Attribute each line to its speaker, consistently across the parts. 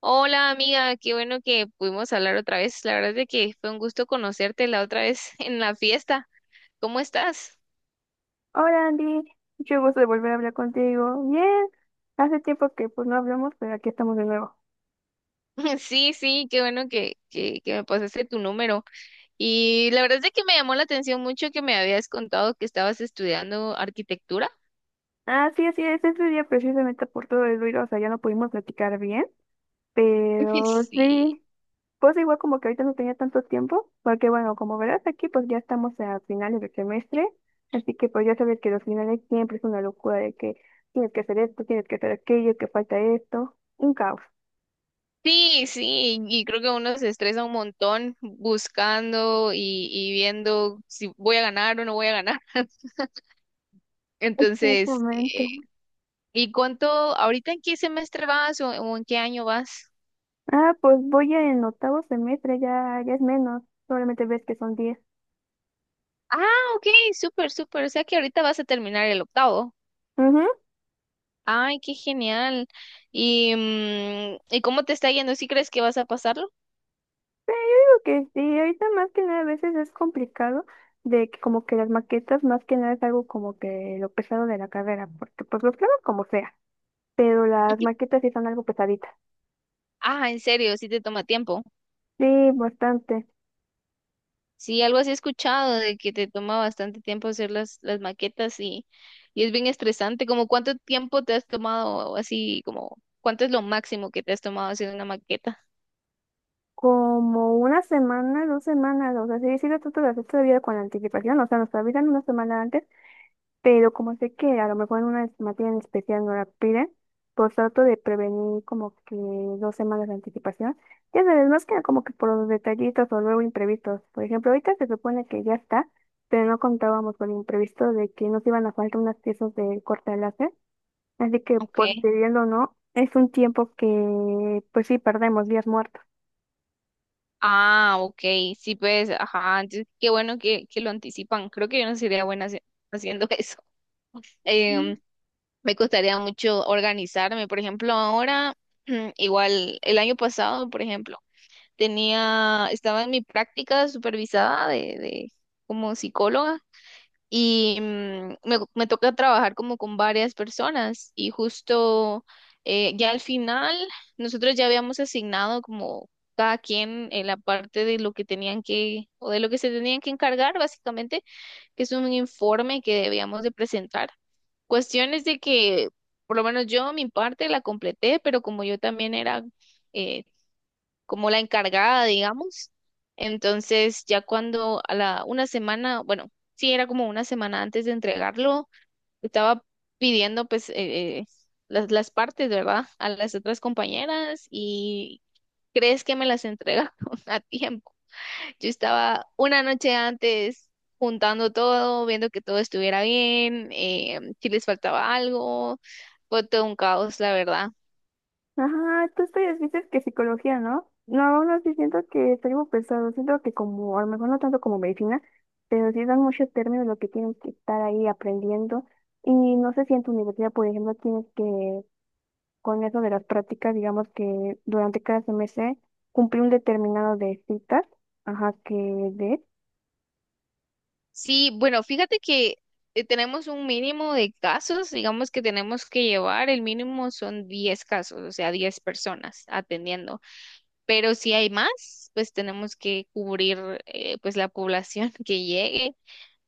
Speaker 1: Hola amiga, qué bueno que pudimos hablar otra vez. La verdad es de que fue un gusto conocerte la otra vez en la fiesta. ¿Cómo estás?
Speaker 2: Hola Andy, mucho gusto de volver a hablar contigo. Bien, hace tiempo que pues no hablamos, pero aquí estamos de nuevo.
Speaker 1: Sí, sí, qué bueno que me pasaste tu número. Y la verdad es de que me llamó la atención mucho que me habías contado que estabas estudiando arquitectura.
Speaker 2: Ah, sí, así es, ese día precisamente por todo el ruido, o sea, ya no pudimos platicar bien, pero
Speaker 1: Sí,
Speaker 2: sí, pues igual como que ahorita no tenía tanto tiempo, porque bueno, como verás aquí pues ya estamos a finales del semestre, así que pues ya sabes que los finales siempre es una locura de que tienes que hacer esto, tienes que hacer aquello, que falta esto, un caos.
Speaker 1: sí, sí, y creo que uno se estresa un montón buscando y viendo si voy a ganar o no voy a ganar. Entonces,
Speaker 2: Exactamente.
Speaker 1: ¿Y cuánto, ahorita en qué semestre vas o en qué año vas?
Speaker 2: Ah, pues voy en octavo semestre, ya, ya es menos. Probablemente ves que son 10.
Speaker 1: Ah, ok, súper, súper. O sea que ahorita vas a terminar el octavo.
Speaker 2: Ujú.
Speaker 1: Ay, qué genial. ¿Y, y cómo te está yendo? ¿Sí crees que vas a pasarlo?
Speaker 2: Pero yo digo que sí, ahorita más que nada a veces es complicado de que como que las maquetas más que nada es algo como que lo pesado de la carrera, porque pues los planos como sea, pero las maquetas sí son algo pesaditas.
Speaker 1: Ah, en serio, sí te toma tiempo.
Speaker 2: Sí, bastante.
Speaker 1: Sí, algo así he escuchado de que te toma bastante tiempo hacer las maquetas y es bien estresante. ¿Como cuánto tiempo te has tomado así, como cuánto es lo máximo que te has tomado haciendo una maqueta?
Speaker 2: Como una semana, 2 semanas, o sea, sí, sí lo trato de hacer todavía con anticipación, o sea, nos avisan una semana antes. Pero como sé que a lo mejor en una materia en especial no la piden, pues trato de prevenir como que 2 semanas de anticipación. Ya sabes, más que nada como que por los detallitos o luego imprevistos. Por ejemplo, ahorita se supone que ya está, pero no contábamos con el imprevisto de que nos iban a faltar unas piezas de corte de láser. Así que,
Speaker 1: Ok.
Speaker 2: pues, queriendo o no, es un tiempo que, pues sí, perdemos días muertos.
Speaker 1: Ah, ok, sí, pues, ajá, entonces, qué bueno que lo anticipan. Creo que yo no sería buena haciendo eso. Em, Me costaría mucho organizarme. Por ejemplo, ahora, igual, el año pasado, por ejemplo, tenía, estaba en mi práctica supervisada de como psicóloga y me toca trabajar como con varias personas y justo ya al final nosotros ya habíamos asignado como cada quien en la parte de lo que tenían que o de lo que se tenían que encargar básicamente, que es un informe que debíamos de presentar. Cuestiones de que por lo menos yo mi parte la completé, pero como yo también era eh, como la encargada, digamos. Entonces, ya cuando a la una semana, bueno, sí era como una semana antes de entregarlo, estaba pidiendo pues eh, las partes, ¿verdad? A las otras compañeras y ¿crees que me las entregaron a tiempo? Yo estaba una noche antes juntando todo, viendo que todo estuviera bien, si les faltaba algo. Fue todo un caos, la verdad.
Speaker 2: Ajá, tú estudias, dices que psicología, ¿no? No, aún así siento que estoy muy pesado, siento que como, a lo mejor no tanto como medicina, pero sí dan muchos términos lo que tienes que estar ahí aprendiendo. Y no sé si en tu universidad, por ejemplo, tienes que, con eso de las prácticas, digamos que durante cada semestre, cumplir un determinado de citas, ajá, que de...
Speaker 1: Sí, bueno, fíjate que tenemos un mínimo de casos, digamos que tenemos que llevar, el mínimo son 10 casos, o sea, 10 personas atendiendo, pero si hay más, pues tenemos que cubrir pues la población que llegue,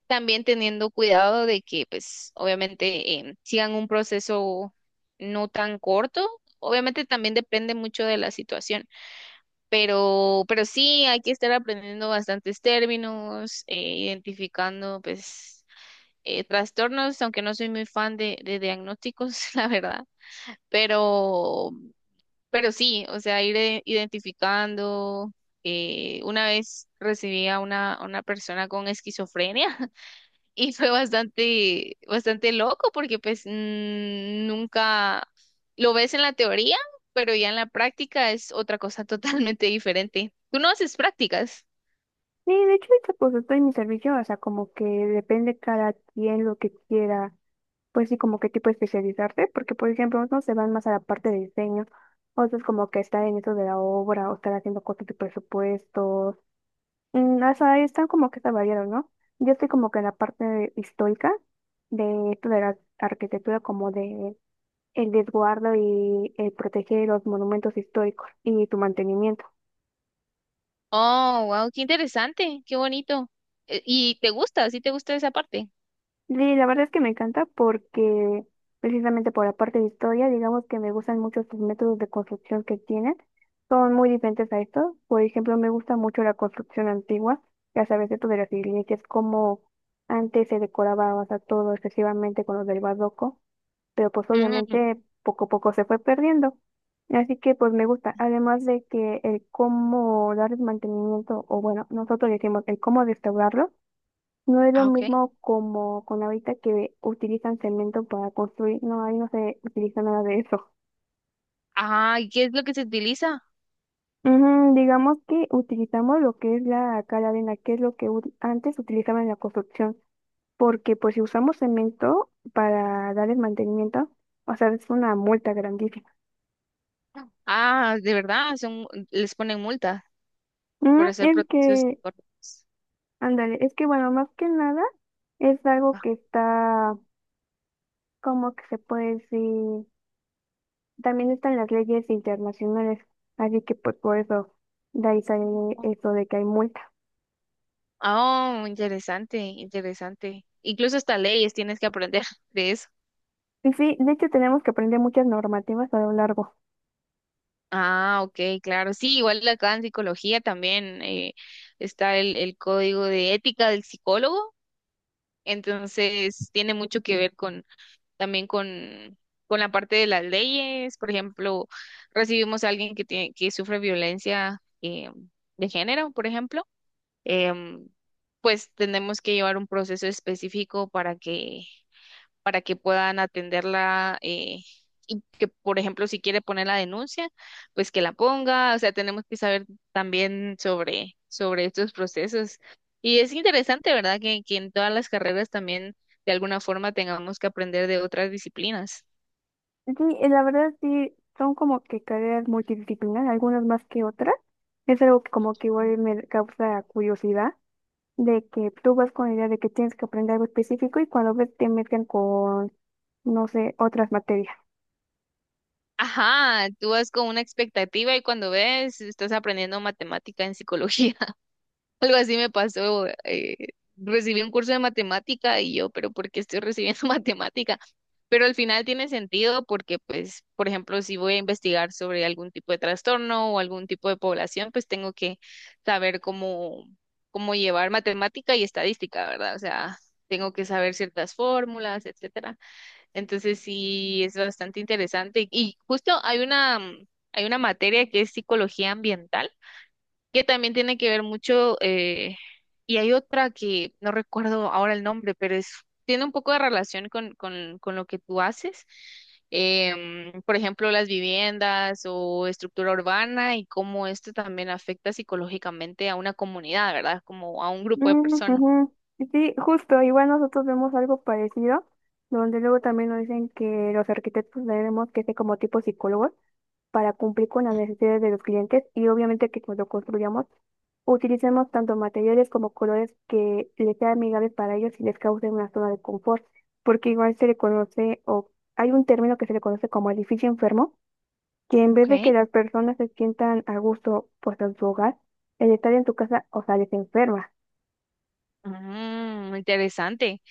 Speaker 1: también teniendo cuidado de que pues obviamente sigan un proceso no tan corto. Obviamente también depende mucho de la situación, pero sí hay que estar aprendiendo bastantes términos, identificando pues trastornos, aunque no soy muy fan de diagnósticos, la verdad, pero, pero sí, o sea, ir identificando. Una vez recibí a una persona con esquizofrenia y fue bastante, bastante loco porque pues nunca lo ves en la teoría, pero ya en la práctica es otra cosa totalmente diferente. ¿Tú no haces prácticas?
Speaker 2: Sí, de hecho, ahorita, pues estoy en mi servicio, o sea, como que depende cada quien lo que quiera, pues sí, como qué tipo de especializarte, porque por ejemplo, unos se van más a la parte de diseño, otros como que estar en eso de la obra o estar haciendo cosas de presupuestos, mm, o sea, ahí están como que está variado, ¿no? Yo estoy como que en la parte histórica de esto de la arquitectura, como de el desguardo y el proteger los monumentos históricos y tu mantenimiento.
Speaker 1: Oh, wow, qué interesante, qué bonito. ¿Y te gusta? ¿Sí te gusta esa parte?
Speaker 2: Sí, la verdad es que me encanta porque precisamente por la parte de historia, digamos que me gustan mucho sus métodos de construcción que tienen. Son muy diferentes a estos. Por ejemplo, me gusta mucho la construcción antigua, ya sabes, esto de las iglesias, como antes se decoraba, o sea, todo excesivamente con los del barroco, pero pues
Speaker 1: Mm,
Speaker 2: obviamente poco a poco se fue perdiendo. Así que pues me gusta, además de que el cómo darles mantenimiento, o bueno, nosotros decimos el cómo restaurarlo no es lo
Speaker 1: ah, ok.
Speaker 2: mismo como con ahorita que utilizan cemento para construir, no, ahí no se utiliza nada de eso.
Speaker 1: Ah, ¿y qué es lo que se utiliza?
Speaker 2: Ujú, digamos que utilizamos lo que es la cal arena, que es lo que antes utilizaba en la construcción, porque pues si usamos cemento para darles mantenimiento, o sea, es una multa grandísima.
Speaker 1: Ah, de verdad, son, les ponen multas por
Speaker 2: Mm,
Speaker 1: hacer
Speaker 2: es
Speaker 1: procesos
Speaker 2: que,
Speaker 1: incorrectos.
Speaker 2: ándale, es que bueno, más que nada es algo que está, como que se puede decir? También están las leyes internacionales, así que pues por eso de ahí sale eso de que hay multa.
Speaker 1: Ah, oh, interesante, interesante. Incluso hasta leyes tienes que aprender de eso.
Speaker 2: Y sí, de hecho tenemos que aprender muchas normativas a lo largo.
Speaker 1: Ah, ok, claro. Sí, igual acá en psicología también está el código de ética del psicólogo, entonces tiene mucho que ver con también con la parte de las leyes. Por ejemplo, recibimos a alguien que tiene, que sufre violencia de género, por ejemplo. em, pues tenemos que llevar un proceso específico para que puedan atenderla y que, por ejemplo, si quiere poner la denuncia, pues que la ponga. O sea, tenemos que saber también sobre estos procesos. Y es interesante, ¿verdad? Que en todas las carreras también de alguna forma tengamos que aprender de otras disciplinas.
Speaker 2: Sí, la verdad sí, son como que carreras multidisciplinarias, algunas más que otras. Es algo que como que igual me causa curiosidad, de que tú vas con la idea de que tienes que aprender algo específico y cuando ves te mezclan con, no sé, otras materias.
Speaker 1: Ajá, tú vas con una expectativa y cuando ves, estás aprendiendo matemática en psicología. Algo así me pasó. Recibí un curso de matemática y yo, pero ¿por qué estoy recibiendo matemática? Pero al final tiene sentido porque, pues, por ejemplo, si voy a investigar sobre algún tipo de trastorno o algún tipo de población, pues tengo que saber cómo llevar matemática y estadística, ¿verdad? O sea, tengo que saber ciertas fórmulas, etcétera. Entonces sí, es bastante interesante. Y justo hay una materia que es psicología ambiental que también tiene que ver mucho, y hay otra que no recuerdo ahora el nombre, pero es, tiene un poco de relación con lo que tú haces. Por ejemplo, las viviendas o estructura urbana y cómo esto también afecta psicológicamente a una comunidad, ¿verdad? Como a un grupo de
Speaker 2: Mm,
Speaker 1: personas.
Speaker 2: ujú. Sí, justo, igual nosotros vemos algo parecido, donde luego también nos dicen que los arquitectos tenemos que ser como tipo psicólogos para cumplir con las
Speaker 1: Mm.
Speaker 2: necesidades de los clientes y obviamente que cuando construyamos utilicemos tanto materiales como colores que les sean amigables para ellos y les causen una zona de confort, porque igual se le conoce o hay un término que se le conoce como edificio enfermo, que en vez de que
Speaker 1: Ok.
Speaker 2: las personas se sientan a gusto pues en su hogar, el estar en su casa, o sea, les enferma.
Speaker 1: Mm, interesante.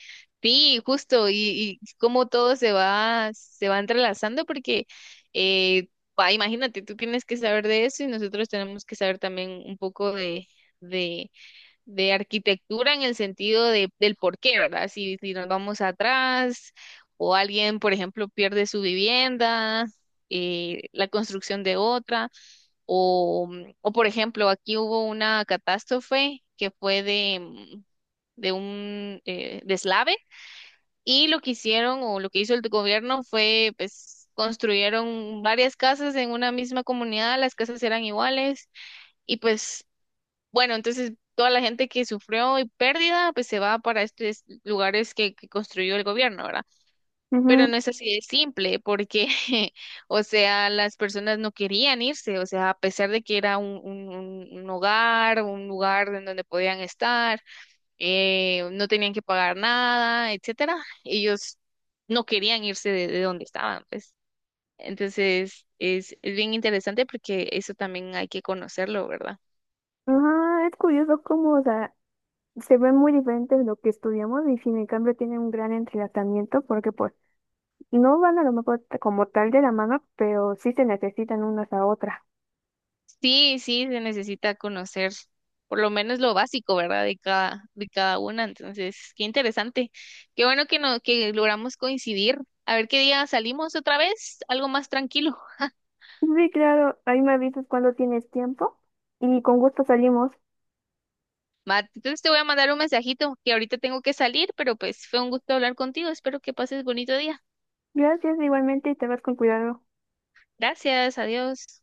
Speaker 1: Sí, justo, y cómo todo se va entrelazando, porque eh, imagínate, tú tienes que saber de eso y nosotros tenemos que saber también un poco de, de arquitectura en el sentido de, del por qué, ¿verdad? Si nos vamos atrás o alguien, por ejemplo, pierde su vivienda, la construcción de otra, o, o por ejemplo, aquí hubo una catástrofe que fue de un deslave y lo que hicieron o lo que hizo el gobierno fue pues construyeron varias casas en una misma comunidad, las casas eran iguales y pues bueno, entonces toda la gente que sufrió y pérdida pues se va para estos lugares que construyó el gobierno, ¿verdad? Pero no es así de simple porque, o sea, las personas no querían irse, o sea, a pesar de que era un un hogar, un lugar en donde podían estar no tenían que pagar nada, etcétera. Ellos no querían irse de donde estaban, pues. Entonces, es bien interesante porque eso también hay que conocerlo, ¿verdad?
Speaker 2: Ajá, es curioso cómo, o sea, se ve muy diferente de lo que estudiamos y sin en cambio tiene un gran entrelazamiento porque pues no van a lo mejor como tal de la mano, pero sí se necesitan unas a otras.
Speaker 1: Sí, sí, se necesita conocer por lo menos lo básico, ¿verdad? De cada una. Entonces, qué interesante. Qué bueno que no, que logramos coincidir. A ver qué día salimos otra vez, algo más tranquilo.
Speaker 2: Sí, claro, ahí me avisas cuando tienes tiempo y con gusto salimos.
Speaker 1: Va, entonces te voy a mandar un mensajito que ahorita tengo que salir, pero pues fue un gusto hablar contigo. Espero que pases bonito día.
Speaker 2: Gracias igualmente y te vas con cuidado.
Speaker 1: Gracias, adiós.